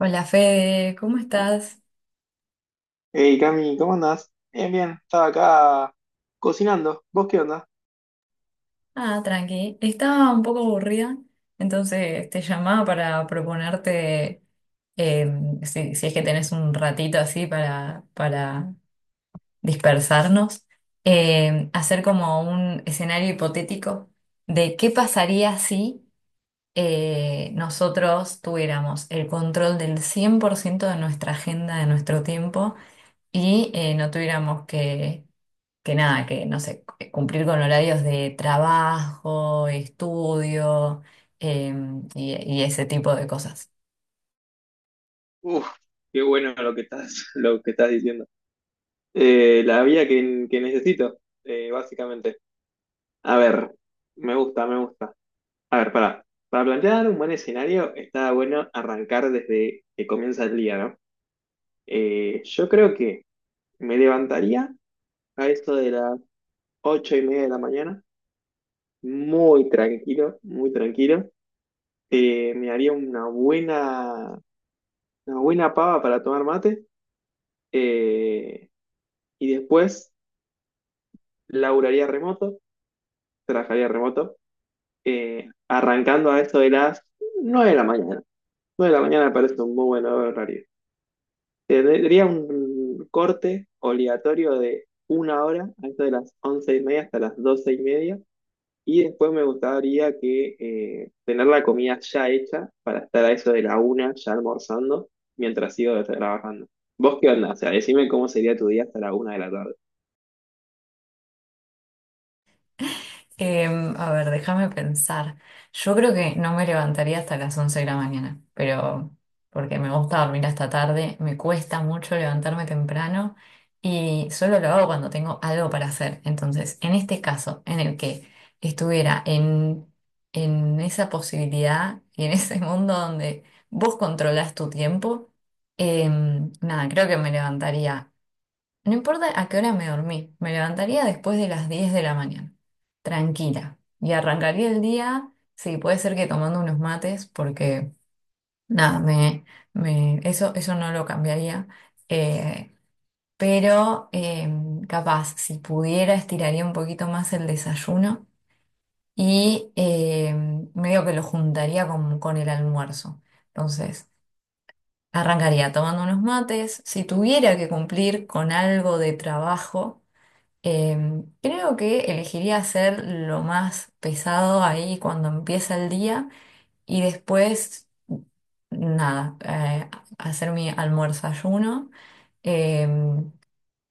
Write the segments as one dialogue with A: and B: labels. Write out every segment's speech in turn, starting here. A: Hola Fede, ¿cómo estás?
B: Hey Cami, ¿cómo andás? Bien, bien, estaba acá cocinando. ¿Vos qué onda?
A: Ah, tranqui. Estaba un poco aburrida, entonces te llamaba para proponerte eh, si es que tenés un ratito así para dispersarnos, hacer como un escenario hipotético de qué pasaría si nosotros tuviéramos el control del 100% de nuestra agenda, de nuestro tiempo y no tuviéramos que nada, que no sé, cumplir con horarios de trabajo, estudio, em, y, y ese tipo de cosas.
B: Uf, qué bueno lo que estás, lo que estás diciendo. La vía que necesito, básicamente. A ver, me gusta. A ver, para plantear un buen escenario, está bueno arrancar desde que comienza el día, ¿no? Yo creo que me levantaría a eso de las 8:30 de la mañana, muy tranquilo. Me haría una buena una buena pava para tomar mate. eh, y después laburaría remoto, trabajaría remoto, arrancando a eso de las 9 de la mañana. 9 de la mañana me parece un muy buen horario. Tendría un corte obligatorio de una hora, a eso de las 11:30 hasta las 12:30. Y después me gustaría que tener la comida ya hecha para estar a eso de la una ya almorzando mientras sigo trabajando. ¿Vos qué onda? O sea, decime cómo sería tu día hasta la una de la tarde.
A: A ver, déjame pensar. Yo creo que no me levantaría hasta las 11 de la mañana, pero porque me gusta dormir hasta tarde, me cuesta mucho levantarme temprano y solo lo hago cuando tengo algo para hacer. Entonces, en este caso, en el que estuviera en esa posibilidad y en ese mundo donde vos controlás tu tiempo, nada, creo que me levantaría no importa a qué hora me dormí, me levantaría después de las 10 de la mañana, tranquila, y arrancaría el día, sí, puede ser que tomando unos mates, porque nada, eso, eso no lo cambiaría, eh, pero capaz, si pudiera, estiraría un poquito más el desayuno y medio que lo juntaría con el almuerzo. Entonces, arrancaría tomando unos mates, si tuviera que cumplir con algo de trabajo. Eh, Creo que elegiría hacer lo más pesado ahí cuando empieza el día y después, nada, hacer mi almuerzo-ayuno. Eh,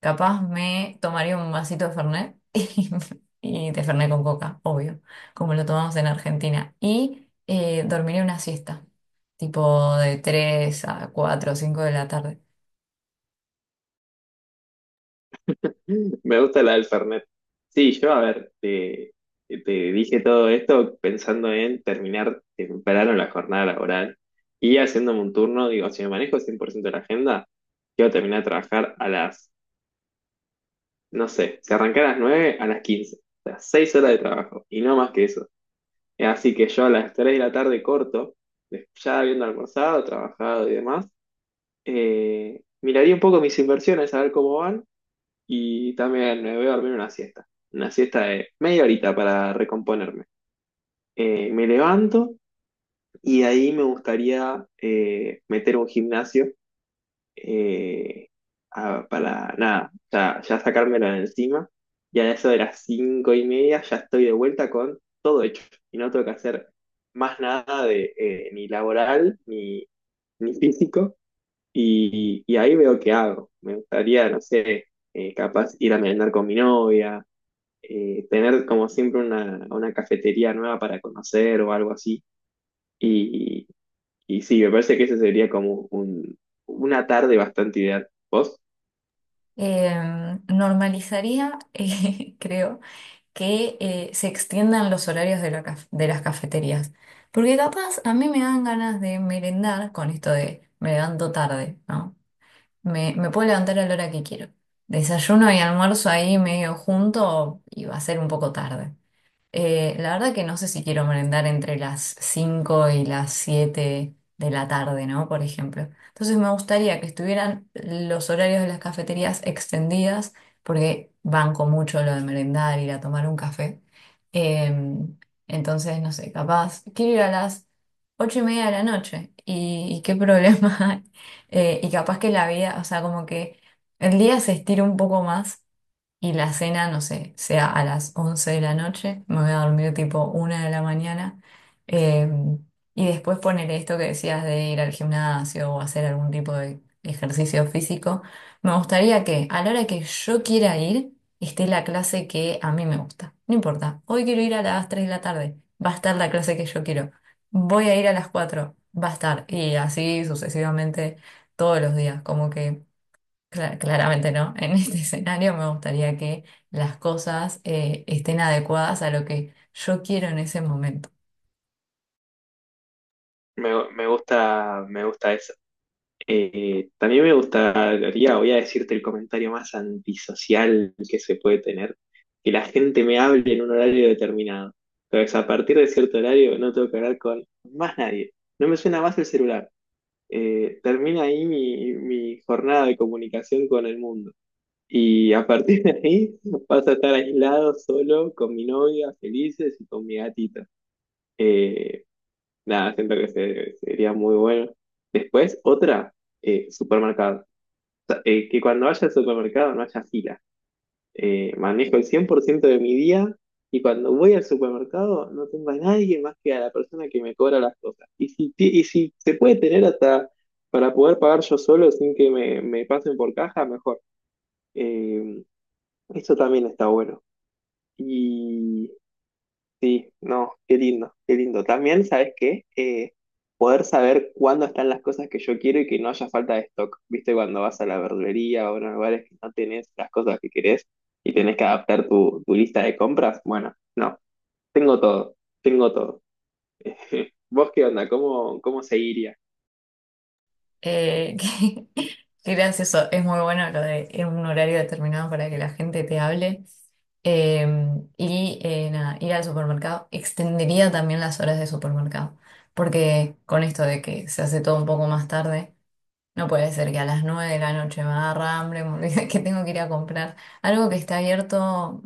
A: Capaz me tomaría un vasito de Fernet y de Fernet con coca, obvio, como lo tomamos en Argentina. Y dormiría una siesta, tipo de 3 a 4 o 5 de la tarde.
B: Me gusta la del Fernet. Sí, a ver, te dije todo esto pensando en terminar temprano la jornada laboral y haciéndome un turno, digo, si me manejo 100% la agenda, quiero terminar de trabajar no sé, si arrancar a las 9 a las 15, o sea, 6 horas de trabajo y no más que eso. Así que yo a las 3 de la tarde corto, ya habiendo almorzado, trabajado y demás, miraría un poco mis inversiones, a ver cómo van. Y también me voy a dormir una siesta de media horita para recomponerme. Me levanto y de ahí me gustaría meter un gimnasio, eh, para nada, ya sacármelo de encima. Y a eso de las 5:30 ya estoy de vuelta con todo hecho. Y no tengo que hacer más nada de ni laboral ni físico. Y ahí veo qué hago. Me gustaría, no sé, capaz ir a merendar con mi novia, tener como siempre una cafetería nueva para conocer o algo así. Y, y sí, me parece que ese sería como una tarde bastante ideal. ¿Vos?
A: Normalizaría, creo que se extiendan los horarios de las cafeterías. Porque capaz a mí me dan ganas de merendar con esto de me levanto tarde, ¿no? Me puedo levantar a la hora que quiero. Desayuno y almuerzo ahí medio junto y va a ser un poco tarde. La verdad que no sé si quiero merendar entre las 5 y las 7 de la tarde, ¿no? Por ejemplo. Entonces me gustaría que estuvieran los horarios de las cafeterías extendidas, porque banco mucho lo de merendar, ir a tomar un café. Em, entonces, no sé, capaz, quiero ir a las 8:30 de la noche. ¿Y qué problema hay? Y capaz que la vida, o sea, como que el día se estira un poco más y la cena, no sé, sea a las 11 de la noche, me voy a dormir tipo 1 de la mañana, eh, y después poner esto que decías de ir al gimnasio o hacer algún tipo de ejercicio físico, me gustaría que a la hora que yo quiera ir, esté la clase que a mí me gusta. No importa, hoy quiero ir a las 3 de la tarde, va a estar la clase que yo quiero, voy a ir a las 4 va a estar, y así sucesivamente todos los días, como que. Claramente no. En este escenario me gustaría que las cosas estén adecuadas a lo que yo quiero en ese momento.
B: Me gusta, me gusta eso. También me gustaría, voy a decirte el comentario más antisocial que se puede tener, que la gente me hable en un horario determinado. Entonces, a partir de cierto horario no tengo que hablar con más nadie. No me suena más el celular. Termina ahí mi jornada de comunicación con el mundo. Y a partir de ahí vas a estar aislado, solo, con mi novia, felices y con mi gatita. Eh, Nada, siento que sería muy bueno. Después, otra, supermercado. O sea, que cuando vaya al supermercado no haya fila. Manejo el 100% de mi día y cuando voy al supermercado no tengo a nadie más que a la persona que me cobra las cosas. Y y si se puede tener hasta para poder pagar yo solo sin que me pasen por caja, mejor. Eh, Eso también está bueno. Y sí, no, qué lindo, qué lindo. También, ¿sabes qué? Poder saber cuándo están las cosas que yo quiero y que no haya falta de stock. ¿Viste? Cuando vas a la verdulería o a lugares que no tenés las cosas que querés y tenés que adaptar tu lista de compras. Bueno, no, tengo todo, tengo todo. ¿Vos qué onda? Cómo seguiría?
A: Eh, que- Qué gracioso. Es muy bueno lo de en un horario determinado para que la gente te hable. Eh, nada, ir al supermercado. Extendería también las horas de supermercado. Porque con esto de que se hace todo un poco más tarde. No puede ser que a las 9 de la noche me agarra hambre, me olvide que tengo que ir a comprar algo que está abierto,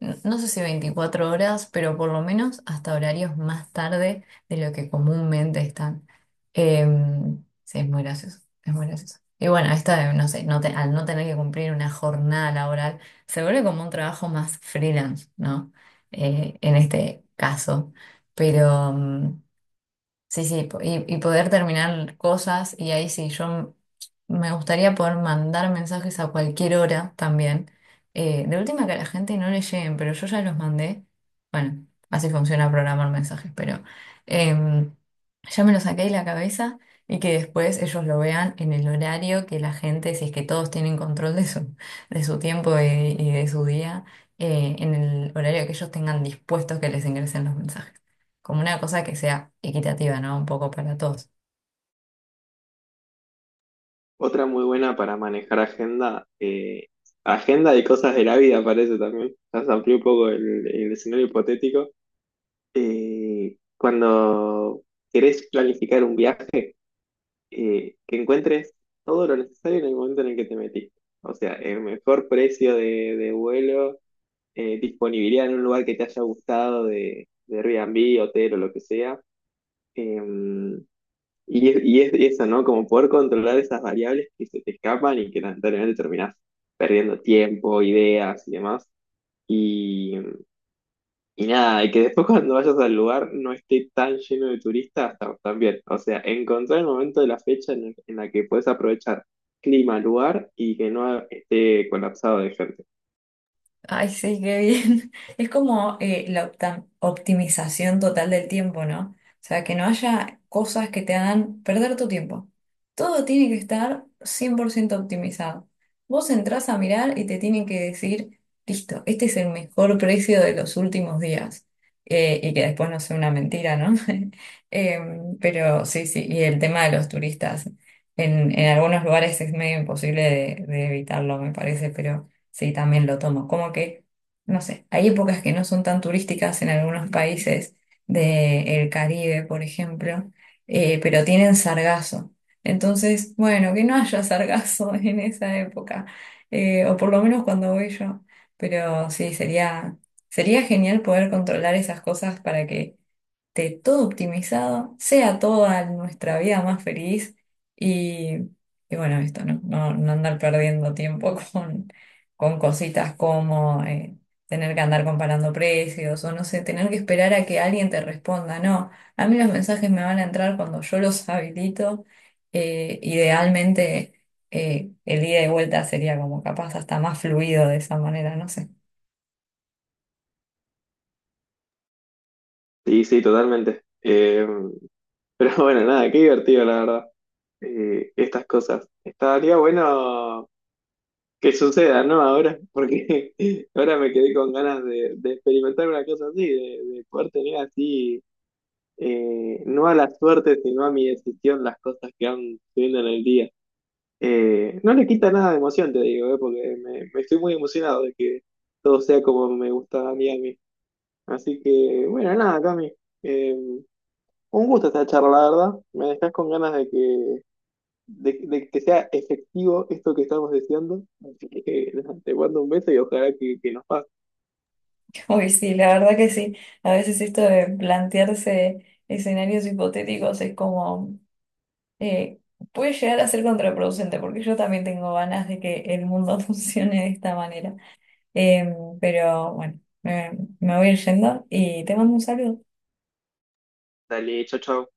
A: no sé si 24 horas, pero por lo menos hasta horarios más tarde de lo que comúnmente están. Sí, es muy gracioso, es muy gracioso. Y bueno, esta de, no sé, al no tener que cumplir una jornada laboral, se vuelve como un trabajo más freelance, ¿no? En este caso. Pero. Sí, sí, y poder terminar cosas y ahí sí, yo me gustaría poder mandar mensajes a cualquier hora también. De última que a la gente no le lleguen, pero yo ya los mandé. Bueno, así funciona programar mensajes, pero em, ya me lo saqué de la cabeza y que después ellos lo vean en el horario que la gente, si es que todos tienen control de su tiempo y de su día, en el horario que ellos tengan dispuestos que les ingresen los mensajes como una cosa que sea equitativa, ¿no? Un poco para todos.
B: Otra muy buena para manejar agenda, agenda de cosas de la vida parece también. Ya se amplió un poco el escenario hipotético. Cuando querés planificar un viaje, que encuentres todo lo necesario en el momento en el que te metiste. O sea, el mejor precio de vuelo, disponibilidad en un lugar que te haya gustado de Airbnb, hotel o lo que sea. Em, y eso, ¿no? Como poder controlar esas variables que se te escapan y que lamentablemente terminás perdiendo tiempo, ideas y demás. Y nada, y que después cuando vayas al lugar no esté tan lleno de turistas también. O sea, encontrar el momento de la fecha en la que puedes aprovechar clima, lugar y que no esté colapsado de gente.
A: Ay, sí, qué bien. Es como la optimización total del tiempo, ¿no? O sea, que no haya cosas que te hagan perder tu tiempo. Todo tiene que estar 100% optimizado. Vos entrás a mirar y te tienen que decir, listo, este es el mejor precio de los últimos días. Y que después no sea una mentira, ¿no? Pero sí, sí, y el tema de los turistas. En algunos lugares es medio imposible de evitarlo, me parece, pero. Sí, también lo tomo. Como que, no sé, hay épocas que no son tan turísticas en algunos países del Caribe, por ejemplo, pero tienen sargazo. Entonces, bueno, que no haya sargazo en esa época, o por lo menos cuando voy yo. Pero sí, sería genial poder controlar esas cosas para que esté todo optimizado, sea toda nuestra vida más feliz y, y bueno, esto, ¿no? No, no andar perdiendo tiempo con cositas como tener que andar comparando precios o no sé, tener que esperar a que alguien te responda. No, a mí los mensajes me van a entrar cuando yo los habilito. Idealmente el ida y vuelta sería como capaz hasta más fluido de esa manera, no sé.
B: Sí, sí, totalmente. Pero bueno, nada, qué divertido, la verdad. Estas cosas. Estaría bueno que suceda, ¿no? Ahora, porque ahora me quedé con ganas de experimentar una cosa así, de poder tener así, no a la suerte, sino a mi decisión, las cosas que van subiendo en el día. No le quita nada de emoción, te digo, porque me estoy muy emocionado de que todo sea como me gusta a mí. Así que, bueno, nada, Cami. eh, un gusto esta charla, la verdad. Me dejas con ganas de que sea efectivo esto que estamos deseando. Así que, nada, te mando un beso y ojalá que nos pase.
A: Uy, sí, la verdad que sí. A veces esto de plantearse escenarios hipotéticos es como, eh, puede llegar a ser contraproducente, porque yo también tengo ganas de que el mundo funcione de esta manera. Pero bueno, me voy a ir yendo y te mando un saludo.
B: Dale, chao, chao.